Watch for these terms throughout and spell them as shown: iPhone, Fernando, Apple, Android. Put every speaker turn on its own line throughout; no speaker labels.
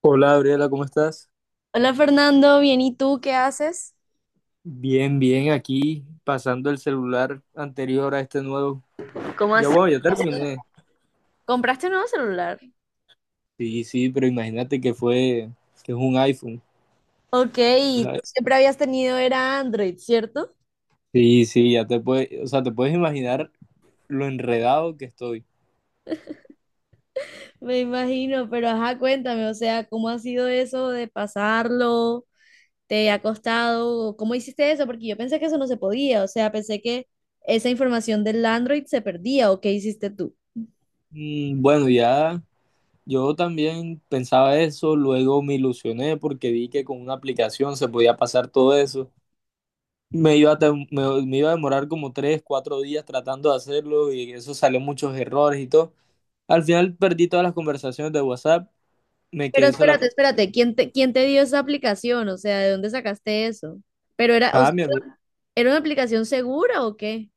Hola Gabriela, ¿cómo estás?
Hola Fernando, bien, ¿y tú qué haces?
Bien, bien, aquí pasando el celular anterior a este nuevo.
¿Cómo
Ya
así?
bueno, ya terminé.
¿Compraste un nuevo celular?
Sí, sí, pero imagínate que es un iPhone,
Ok,
tú
tú
¿sabes?
siempre habías tenido era Android, ¿cierto?
Sí, sí, ya te puedes, o sea, te puedes imaginar lo enredado que estoy.
Me imagino, pero ajá, cuéntame, o sea, ¿cómo ha sido eso de pasarlo? ¿Te ha costado? ¿Cómo hiciste eso? Porque yo pensé que eso no se podía, o sea, pensé que esa información del Android se perdía, ¿o qué hiciste tú?
Mm, bueno, ya yo también pensaba eso, luego me ilusioné porque vi que con una aplicación se podía pasar todo eso. Me iba a demorar como 3, 4 días tratando de hacerlo y eso salió muchos errores y todo. Al final perdí todas las conversaciones de WhatsApp, me
Pero
quedé solamente...
espérate, espérate, ¿quién te dio esa aplicación? O sea, ¿de dónde sacaste eso? Pero era, o
Ah,
sea,
mi amigo.
¿era una aplicación segura o qué?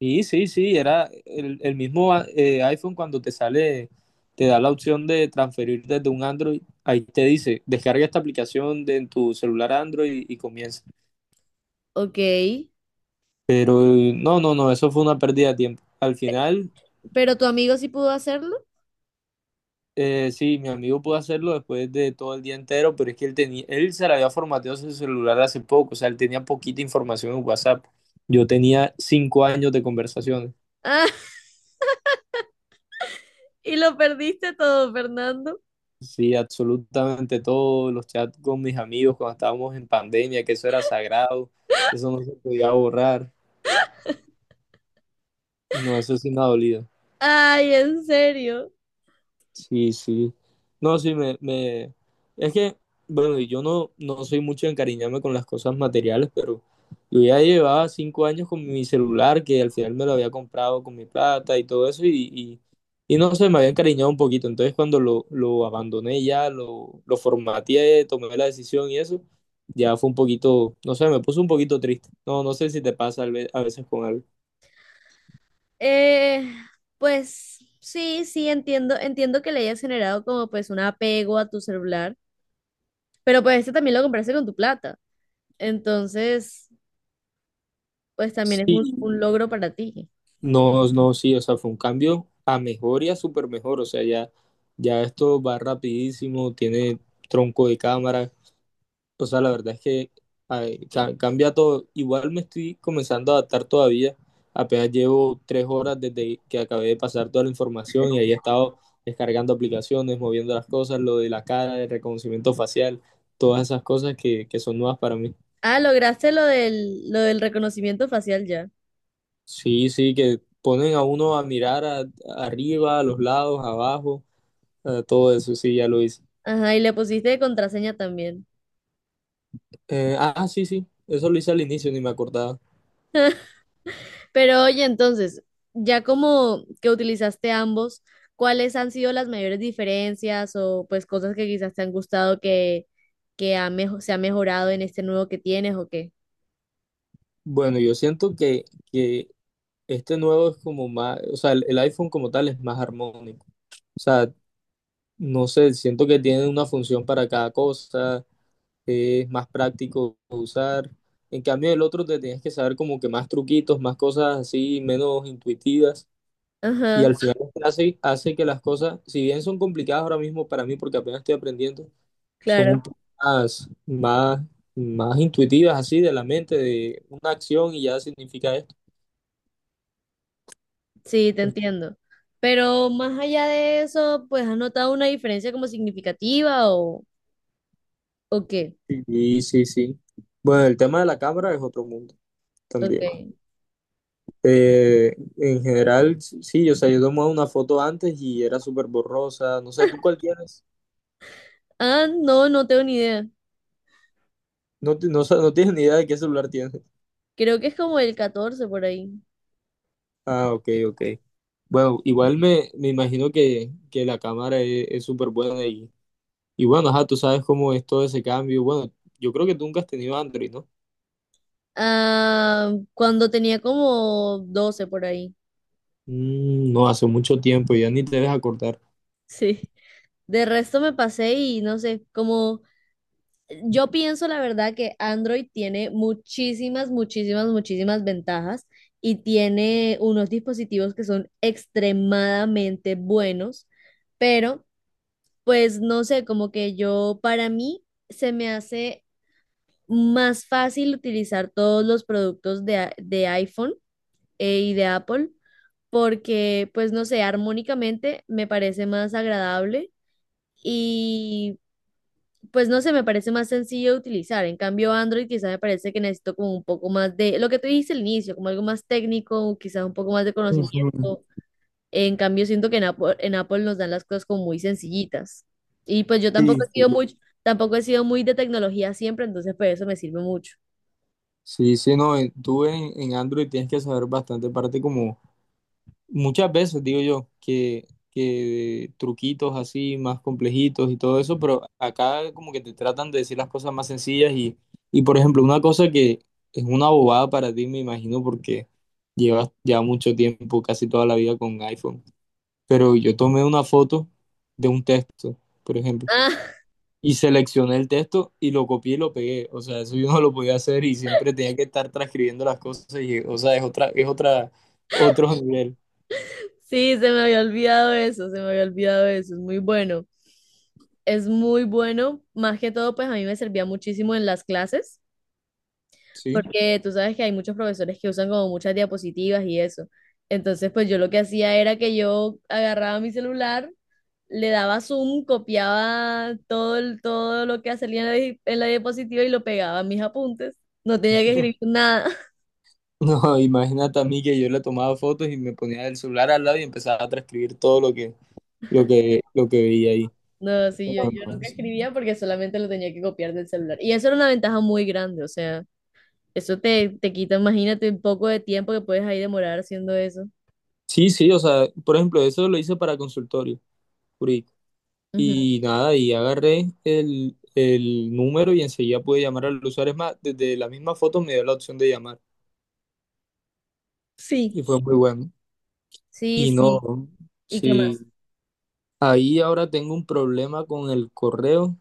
Sí, sí, sí, era el mismo iPhone cuando te sale, te da la opción de transferir desde un Android, ahí te dice, descarga esta aplicación en tu celular Android y, comienza.
Ok,
Pero no, no, no, eso fue una pérdida de tiempo. Al final,
pero tu amigo sí pudo hacerlo.
sí, mi amigo pudo hacerlo después de todo el día entero, pero es que él se le había formateado su celular hace poco, o sea, él tenía poquita información en WhatsApp. Yo tenía 5 años de conversaciones.
Ah, y lo perdiste todo, Fernando.
Sí, absolutamente todos los chats con mis amigos cuando estábamos en pandemia, que eso era sagrado, eso no se podía borrar. No, eso sí me ha dolido.
Ay, en serio.
Sí, sí. No, sí, me... Es que, bueno, y yo no soy mucho de encariñarme con las cosas materiales, pero yo ya llevaba 5 años con mi celular, que al final me lo había comprado con mi plata y todo eso, y no sé, me había encariñado un poquito. Entonces, cuando lo abandoné ya, lo formateé, tomé la decisión y eso ya fue un poquito, no sé, me puso un poquito triste. No, no sé si te pasa a veces con algo.
Eh, pues sí, sí, entiendo que le hayas generado como pues un apego a tu celular, pero pues este también lo compraste con tu plata, entonces pues también es un
Sí,
logro para ti.
no, no, sí, o sea, fue un cambio a mejor y a súper mejor, o sea, ya, ya esto va rapidísimo, tiene tronco de cámara, o sea, la verdad es que ay, cambia todo. Igual me estoy comenzando a adaptar todavía, apenas llevo 3 horas desde que acabé de pasar toda la información y ahí he estado descargando aplicaciones, moviendo las cosas, lo de la cara, el reconocimiento facial, todas esas cosas que son nuevas para mí.
Ah, lograste lo del reconocimiento facial ya.
Sí, sí, que ponen a uno a mirar arriba, a los lados, abajo, a todo eso, sí, ya lo hice.
Ajá, y le pusiste de contraseña también.
Ah, sí, sí, eso lo hice al inicio, ni me acordaba.
Pero oye, entonces, ya como que utilizaste ambos, ¿cuáles han sido las mayores diferencias o pues cosas que quizás te han gustado se ha mejorado en este nuevo que tienes o qué?
Bueno, yo siento que este nuevo es como más, o sea, el iPhone como tal es más armónico. O sea, no sé, siento que tiene una función para cada cosa, es más práctico de usar. En cambio, el otro te tienes que saber como que más truquitos, más cosas así, menos intuitivas. Y al
Ajá,
final esto hace que las cosas, si bien son complicadas ahora mismo para mí, porque apenas estoy aprendiendo, son un
claro,
poco más, más, más intuitivas así de la mente, de una acción y ya significa esto.
sí, te entiendo. Pero más allá de eso, pues ¿has notado una diferencia como significativa o qué?
Sí, sí, sí. Bueno, el tema de la cámara es otro mundo también.
Okay.
En general, sí, o sea, yo tomaba una foto antes y era súper borrosa. No sé, ¿tú cuál tienes?
Ah, no, no tengo ni idea.
No, no, no tienes ni idea de qué celular tienes.
Creo que es como el 14 por ahí.
Ah, ok, ok. Bueno, igual me imagino que la cámara es súper buena y, bueno, ajá, tú sabes cómo es todo ese cambio. Bueno, yo creo que tú nunca has tenido Android, ¿no?
Ah, cuando tenía como 12 por ahí.
Mm, no, hace mucho tiempo, ya ni te dejas acordar.
Sí. De resto me pasé y no sé, como yo pienso la verdad que Android tiene muchísimas, muchísimas, muchísimas ventajas y tiene unos dispositivos que son extremadamente buenos, pero pues no sé, como que yo para mí se me hace más fácil utilizar todos los productos de iPhone y de Apple porque pues no sé, armónicamente me parece más agradable. Y pues no sé, me parece más sencillo de utilizar. En cambio, Android quizá me parece que necesito como un poco más de, lo que tú dijiste al inicio, como algo más técnico, quizá un poco más de
Ujú.
conocimiento. En cambio, siento que en Apple nos dan las cosas como muy sencillitas. Y pues yo
Sí,
tampoco he
sí.
sido muy de tecnología siempre, entonces pues eso me sirve mucho.
Sí, sí, no, tú en Android tienes que saber bastante parte, como muchas veces digo yo que truquitos así más complejitos y todo eso, pero acá como que te tratan de decir las cosas más sencillas y por ejemplo, una cosa que es una bobada para ti, me imagino, porque llevas ya mucho tiempo, casi toda la vida con iPhone, pero yo tomé una foto de un texto, por ejemplo,
Ah,
y seleccioné el texto y lo copié y lo pegué, o sea, eso yo no lo podía hacer y siempre tenía que estar transcribiendo las cosas y, o sea, otro nivel,
sí, se me había olvidado eso, se me había olvidado eso, es muy bueno. Es muy bueno, más que todo, pues a mí me servía muchísimo en las clases
¿sí?
porque tú sabes que hay muchos profesores que usan como muchas diapositivas y eso. Entonces, pues yo lo que hacía era que yo agarraba mi celular, le daba zoom, copiaba todo, todo lo que salía en en la diapositiva y lo pegaba a mis apuntes. No tenía que escribir nada.
No, imagínate a mí que yo le tomaba fotos y me ponía el celular al lado y empezaba a transcribir todo lo que veía ahí.
No, sí, yo nunca escribía porque solamente lo tenía que copiar del celular. Y eso era una ventaja muy grande, o sea, eso te quita, imagínate, un poco de tiempo que puedes ahí demorar haciendo eso.
Sí, sí, o sea, por ejemplo, eso lo hice para consultorio jurídico.
Ujú.
Y nada, y agarré el número y enseguida pude llamar al usuario. Es más, desde la misma foto me dio la opción de llamar
Sí,
y fue muy bueno.
sí,
Y
sí.
no,
¿Y qué más?
sí, ahí ahora tengo un problema con el correo,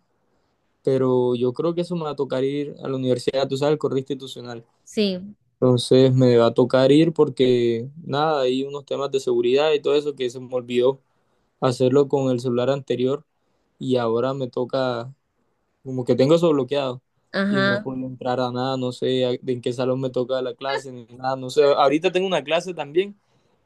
pero yo creo que eso me va a tocar ir a la universidad, tú sabes, el correo institucional.
Sí.
Entonces me va a tocar ir porque nada, hay unos temas de seguridad y todo eso que se me olvidó hacerlo con el celular anterior y ahora me toca, como que tengo eso bloqueado y no he
Ajá.
podido entrar a nada, no sé de en qué salón me toca la clase ni nada, no sé. Ahorita tengo una clase también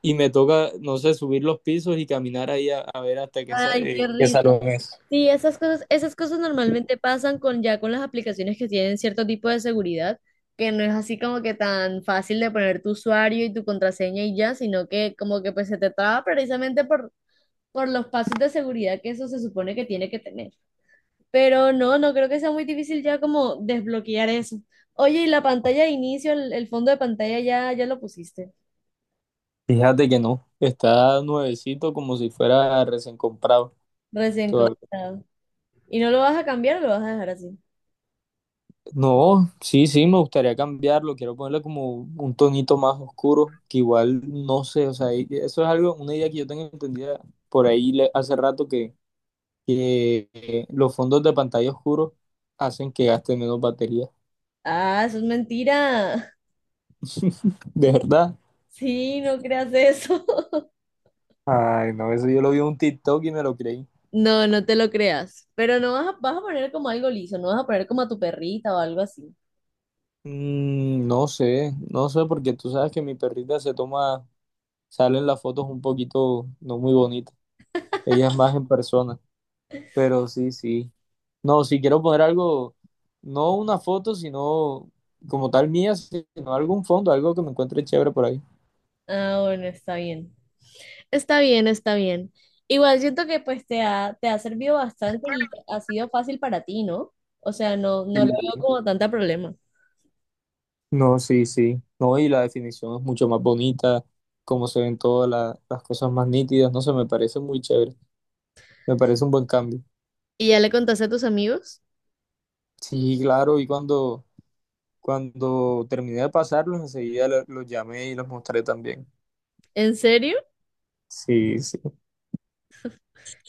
y me toca, no sé, subir los pisos y caminar ahí a ver hasta qué, sa-
Ay,
eh,
qué
qué
risa.
salón es.
Sí, esas cosas normalmente pasan con ya con las aplicaciones que tienen cierto tipo de seguridad, que no es así como que tan fácil de poner tu usuario y tu contraseña y ya, sino que como que pues se te traba precisamente por los pasos de seguridad que eso se supone que tiene que tener. Pero no, no creo que sea muy difícil ya como desbloquear eso. Oye, y la pantalla de inicio, el fondo de pantalla ya lo pusiste,
Fíjate que no, está nuevecito como si fuera recién comprado.
recién comprado. ¿Y no lo vas a cambiar o lo vas a dejar así?
No, sí, sí, me gustaría cambiarlo. Quiero ponerle como un tonito más oscuro, que igual no sé, o sea, eso es algo, una idea que yo tengo entendida por ahí hace rato que los fondos de pantalla oscuros hacen que gaste menos batería.
Ah, eso es mentira.
De verdad.
Sí, no creas eso.
Ay, no, eso yo lo vi en un TikTok y me lo creí.
No, no te lo creas. Pero no vas a poner como algo liso, no vas a poner como a tu perrita o algo así.
Mm, no sé, no sé, porque tú sabes que mi perrita se toma, salen las fotos un poquito no muy bonitas. Ella es más en persona. Pero sí, sí. No, si quiero poner algo, no una foto, sino como tal mía, sino algún fondo, algo que me encuentre chévere por ahí.
Ah, bueno, está bien. Está bien, está bien. Igual siento que pues te ha servido bastante y ha sido fácil para ti, ¿no? O sea, no, no lo veo
Mm.
como tanta problema.
No, sí, sí. No, y la definición es mucho más bonita, como se ven todas las cosas más nítidas, no sé, me parece muy chévere. Me parece un buen cambio.
¿Y ya le contaste a tus amigos?
Sí, claro, y cuando terminé de pasarlos, enseguida los llamé y los mostré también.
¿En serio?
Sí, sí.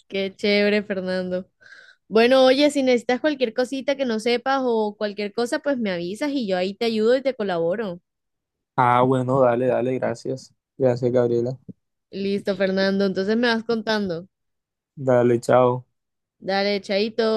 Qué chévere, Fernando. Bueno, oye, si necesitas cualquier cosita que no sepas o cualquier cosa, pues me avisas y yo ahí te ayudo y te colaboro.
Ah, bueno, dale, dale, gracias. Gracias, Gabriela.
Listo, Fernando. Entonces me vas contando.
Dale, chao.
Dale, chaito.